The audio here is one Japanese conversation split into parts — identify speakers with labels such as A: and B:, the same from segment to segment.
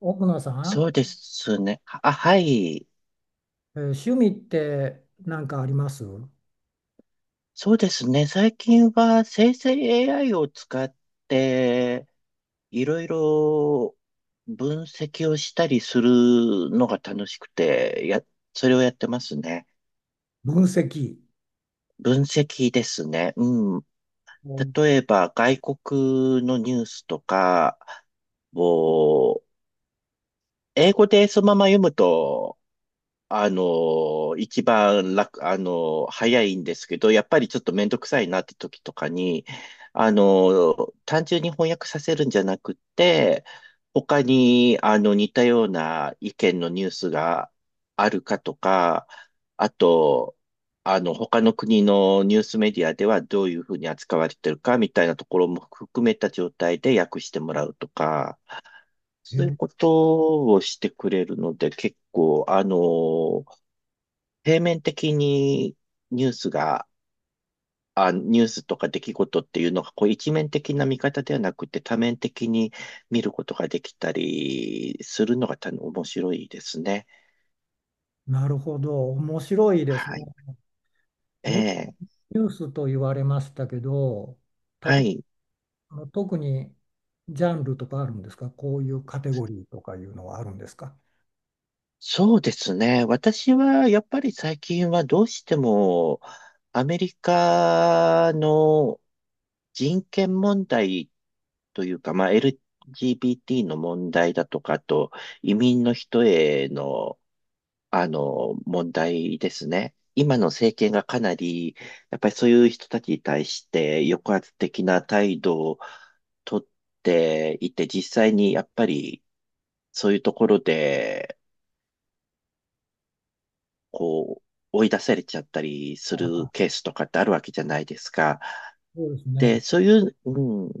A: 奥野さん、
B: そうですね。あ、はい。
A: えー趣味って何かあります
B: そうですね。最近は生成 AI を使って、いろいろ分析をしたりするのが楽しくて、それをやってますね。
A: 析。
B: 分析ですね。うん。
A: うん
B: 例えば、外国のニュースとかを、英語でそのまま読むと、一番楽、早いんですけど、やっぱりちょっとめんどくさいなって時とかに、単純に翻訳させるんじゃなくて、他に、似たような意見のニュースがあるかとか、あと、他の国のニュースメディアではどういうふうに扱われてるかみたいなところも含めた状態で訳してもらうとか、そういうこ
A: え
B: とをしてくれるので、結構、あの平面的にニュースが、ニュースとか出来事っていうのが、こう一面的な見方ではなくて多面的に見ることができたりするのが多分面白いですね。
A: なるほど、面白いですね。
B: はい。え
A: ニュ、
B: え。
A: ニュースと言われましたけど、た
B: は
A: と、
B: い。
A: あの特にジャンルとかあるんですか？こういうカテゴリーとかいうのはあるんですか？
B: そうですね。私はやっぱり最近はどうしてもアメリカの人権問題というか、まあ、LGBT の問題だとか、あと移民の人への問題ですね。今の政権がかなり、やっぱりそういう人たちに対して抑圧的な態度をとっていて、実際にやっぱりそういうところで、こう、追い出されちゃったりするケースとかってあるわけじゃないですか。
A: そうですね。
B: で、そういう、うん、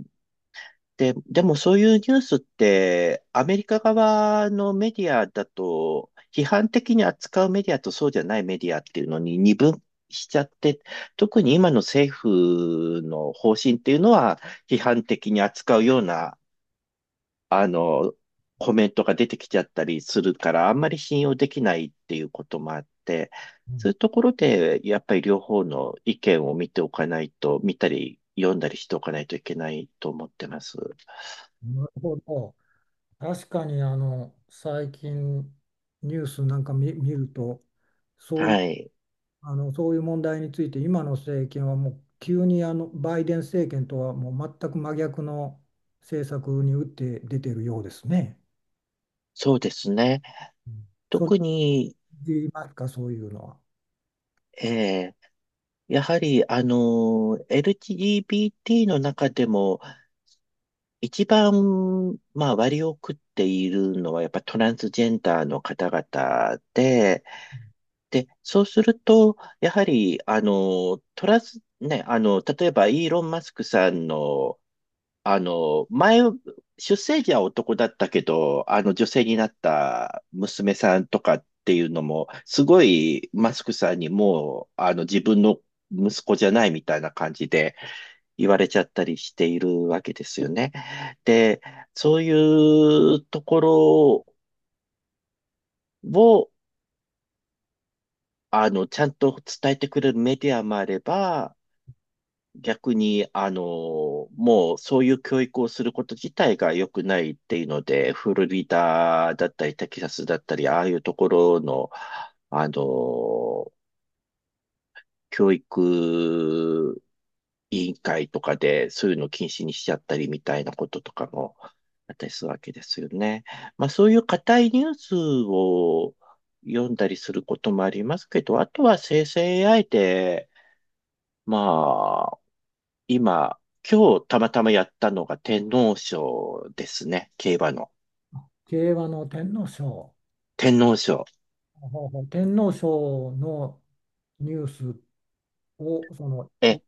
B: でもそういうニュースってアメリカ側のメディアだと批判的に扱うメディアとそうじゃないメディアっていうのに二分しちゃって、特に今の政府の方針っていうのは批判的に扱うようなあのコメントが出てきちゃったりするからあんまり信用できないっていうこともあって、
A: う
B: そ
A: ん。
B: ういうところでやっぱり両方の意見を見ておかないと、見たり読んだりしておかないといけないと思ってます。
A: なるほど。確かにあの最近ニュースなんか見、見ると、そう
B: はい。
A: あのそういう問題について今の政権はもう急にあのバイデン政権とはもう全く真逆の政策に打って出てるようですね。
B: そうですね。
A: うん。そう
B: 特に、
A: 言いますか、そういうのは。
B: えーやはり、あのエルジー、LGBT の中でも、一番、まあ、割を食っているのは、やっぱトランスジェンダーの方々で、で、そうすると、やはり、あのトランス、ね、あの、例えば、イーロン・マスクさんの、あの、前、出生時は男だったけど、あの女性になった娘さんとかっていうのも、すごいマスクさんにもう、あの自分の息子じゃないみたいな感じで言われちゃったりしているわけですよね。で、そういうところを、ちゃんと伝えてくれるメディアもあれば、逆に、もうそういう教育をすること自体が良くないっていうので、フロリダだったり、テキサスだったり、ああいうところの、あの、教育委員会とかで、そういうのを禁止にしちゃったりみたいなこととかもあったりするわけですよね。まあそういう硬いニュースを読んだりすることもありますけど、あとは生成 AI で、ま今、今日たまたまやったのが天皇賞ですね。競馬の。
A: 競馬の天皇賞、
B: 天皇賞。
A: ほうほう、天皇賞のニュースをその、
B: え、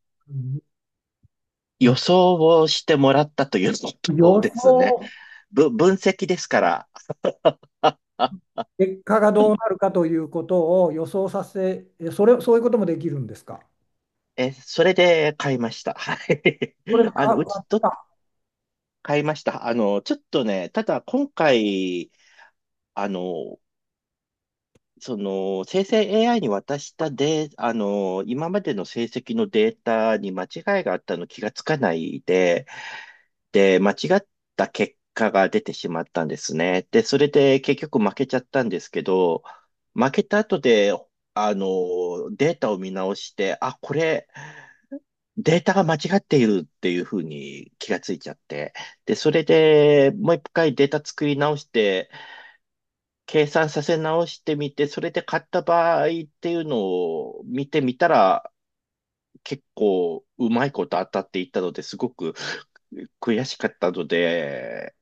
B: 予
A: え
B: 想をしてもらったという
A: 予
B: ことですね。
A: 想、
B: 分析ですから。
A: 結果がどうなるかということを予想させ、えそれ、そういうこともできるんですか？
B: え、それで買いました。はい。
A: それが
B: あの、うち
A: か
B: と、買いました。あの、ちょっとね、ただ今回、あの、生成 AI に渡したで、あの、今までの成績のデータに間違いがあったの気がつかないで、間違った結果が出てしまったんですね。で、それで結局負けちゃったんですけど、負けた後で、データを見直して、データが間違っているっていうふうに気がついちゃって。で、それでもう一回データ作り直して、計算させ直してみて、それで買った場合っていうのを見てみたら、結構うまいこと当たっていったのですごく悔しかったので、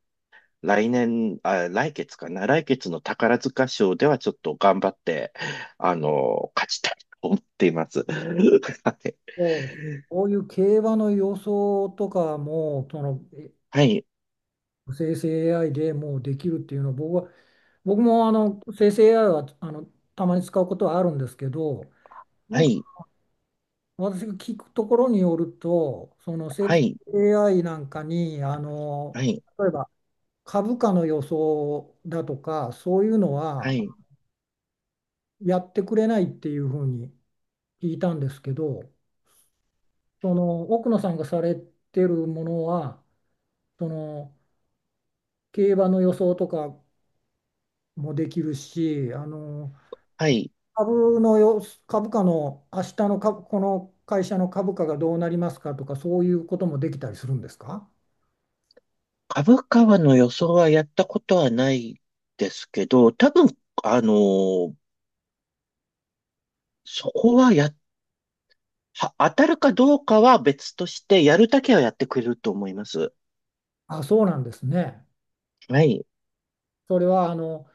B: 来年、あ、来月かな、来月の宝塚賞ではちょっと頑張って、勝ちたいと思っています。は
A: そう、こういう競馬の予想とかも、そのえ
B: い、
A: 生成 AI でもうできるっていうのは、僕もあの生成 AI はあのたまに使うことはあるんですけど、な
B: は
A: んか
B: い、
A: 私が聞くところによると、その生
B: は
A: 成
B: い、
A: AI なんかに、あ
B: は
A: の
B: い、
A: 例えば株価の予想だとか、そういうの
B: は
A: は
B: い、
A: やってくれないっていうふうに聞いたんですけど、その奥野さんがされてるものは、その競馬の予想とかもできるし、あの
B: はい。
A: 株のよ、株価の明日の株、この会社の株価がどうなりますかとか、そういうこともできたりするんですか？
B: 株価はの予想はやったことはないですけど、多分、あの、そこはや、は当たるかどうかは別として、やるだけはやってくれると思います。
A: あ、そうなんですね。
B: はい。
A: それはあの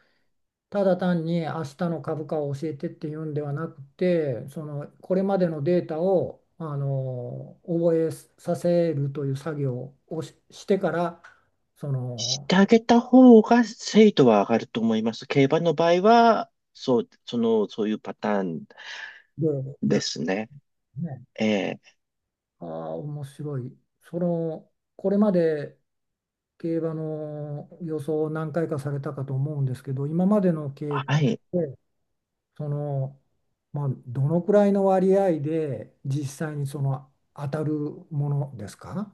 A: ただ単に明日の株価を教えてっていうんではなくて、そのこれまでのデータをあの覚えさせるという作業をし、してから、そ
B: し
A: の、
B: てあげた方が精度は上がると思います。競馬の場合は、そういうパターン
A: で、や
B: で
A: る
B: すね。
A: ね。
B: ええ
A: ああ、面白い。その、これまで競馬の予想を何回かされたかと思うんですけど、今までの経験
B: はい。
A: で、その、まあ、どのくらいの割合で実際にその当たるものですか？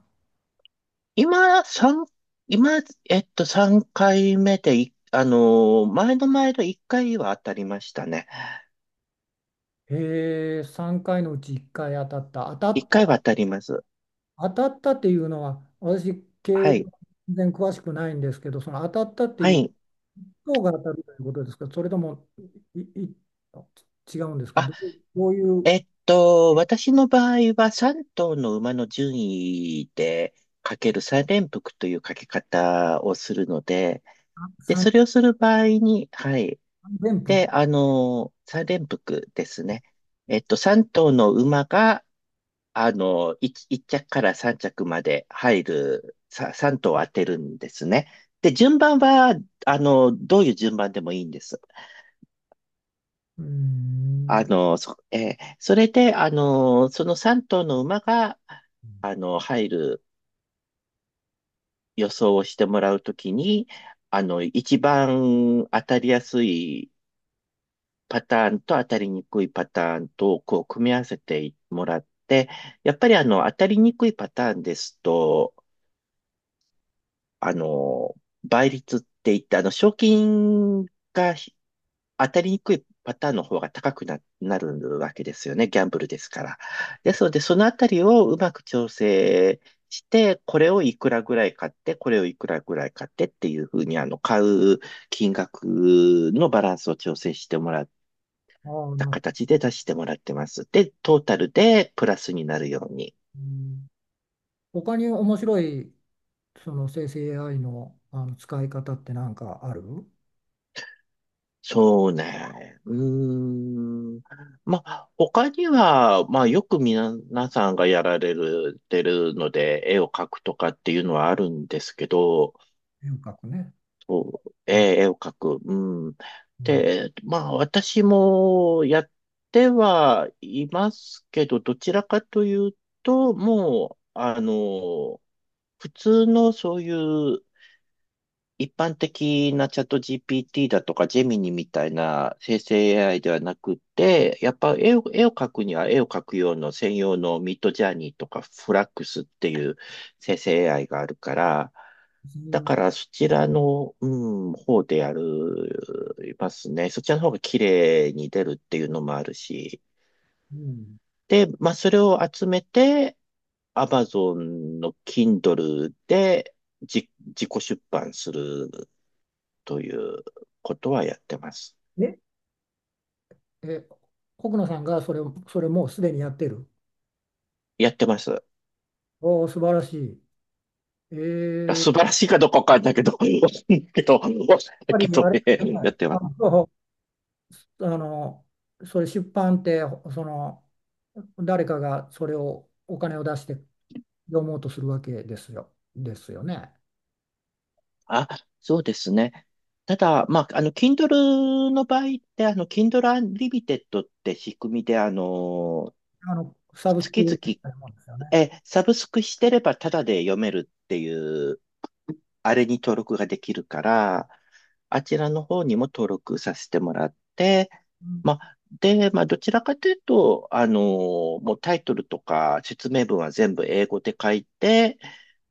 B: 今、三今、えっと、3回目でい、あのー、前の前の1回は当たりましたね。
A: えー、3回のうち1回当たった。
B: 1回は当たります。
A: 当たったっていうのは、私、競
B: は
A: 馬
B: い。
A: 全然詳しくないんですけど、その当たったって
B: は
A: いう
B: い。
A: が当たるということですか？それともいい違うんですか？
B: あ、
A: どういう
B: えっと、私の場合は3頭の馬の順位でかける3連複というかけ方をするので、で、そ
A: 三
B: れをする場合に、はい。
A: 三元服。
B: で、三連複ですね。えっと、三頭の馬が、一着から三着まで入る、三頭を当てるんですね。で、順番は、どういう順番でもいいんです。
A: うー
B: あ
A: ん、
B: の、そ、えーそれで、その三頭の馬が、入る予想をしてもらうときに、一番当たりやすいパターンと当たりにくいパターンとこう組み合わせてもらって、やっぱりあの当たりにくいパターンですと、あの、倍率って言ってあの賞金がひ当たりにくいパターンの方が高くな、なるわけですよね。ギャンブルですから。ですので、そのあたりをうまく調整して、これをいくらぐらい買って、これをいくらぐらい買ってっていうふうに、買う金額のバランスを調整してもらっ
A: ああ、
B: た
A: なるほど。
B: 形で出してもらってます。で、トータルでプラスになるように。
A: うん。他に面白いその生成 AI の、あの使い方って何かある？
B: そうね。うーん。まあ、他には、まあ、よく皆さんがやられる、てるので、絵を描くとかっていうのはあるんですけど、
A: 遠隔ね。うん。
B: 絵を描く。うん。
A: うん。
B: で、まあ、私もやってはいますけど、どちらかというと、もう、あの、普通のそういう一般的なチャット GPT だとか、ジェミニみたいな生成 AI ではなくて、やっぱ絵を、絵を描くには絵を描く用の専用のミッドジャーニーとかフラックスっていう生成 AI があるから、だか
A: 別。
B: らそちらの、うん、方でやりますね。そちらの方が綺麗に出るっていうのもあるし。
A: うん。
B: で、まあそれを集めて、Amazon の Kindle で自己出版するということはやってます。
A: え、え、国野さんがそれを、それもうすでにやってる？
B: やってます。
A: おお、素晴らしい。えー、や
B: 素晴
A: っ
B: らしいかどうかわかんないけど、だ
A: ぱり
B: け
A: あれ、
B: どね、
A: は
B: やっ
A: い
B: てます。
A: ああの、それ出版って、その、誰かがそれをお金を出して読もうとするわけですよ、ですよね？
B: あ、そうですね。ただ、まあ、Kindle の場合って、Kindle Unlimited って仕組みで、
A: あの、サブスク
B: 月
A: み
B: 々
A: たいなもんですよね。
B: サブスクしてればタダで読めるっていう、あれに登録ができるから、あちらの方にも登録させてもらって、
A: うん
B: まあ、どちらかというと、もうタイトルとか説明文は全部英語で書いて、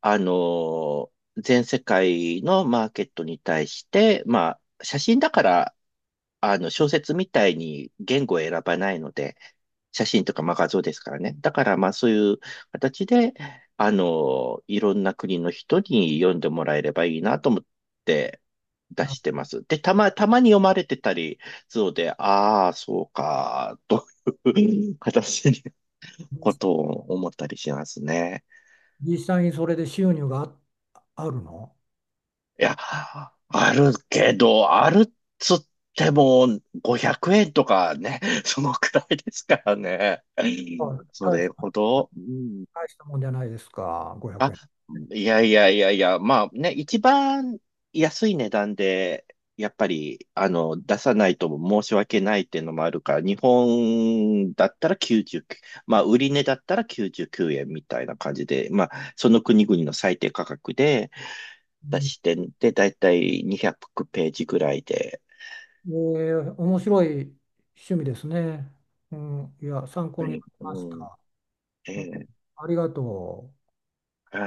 B: あの全世界のマーケットに対して、まあ、写真だから、小説みたいに言語を選ばないので、写真とか、まあ、画像ですからね。だから、まあ、そういう形で、いろんな国の人に読んでもらえればいいなと思って出
A: な
B: してます。で、たまに読まれてたり、そうで、ああ、そうか、という形にことを思ったりしますね。
A: 実際にそれで収入があるの？
B: いや、あるけど、あるっつっても500円とかね、そのくらいですからね。
A: はい。
B: そ
A: 大
B: れ
A: した、
B: ほど、うん
A: 大したもんじゃないですか、500
B: あ、
A: 円。う
B: いやいやいやいや、まあね、一番安い値段で、やっぱり、出さないとも申し訳ないっていうのもあるから、日本だったら99、まあ、売り値だったら99円みたいな感じで、まあ、その国々の最低価格で出し
A: ん。
B: て、で、だいたい200ページぐらいで、
A: えー、面白い趣味ですね。うん、いや、参考
B: は
A: になり
B: い
A: まし
B: うん、
A: た。う
B: え
A: ん、
B: え
A: ありがとう。
B: はい。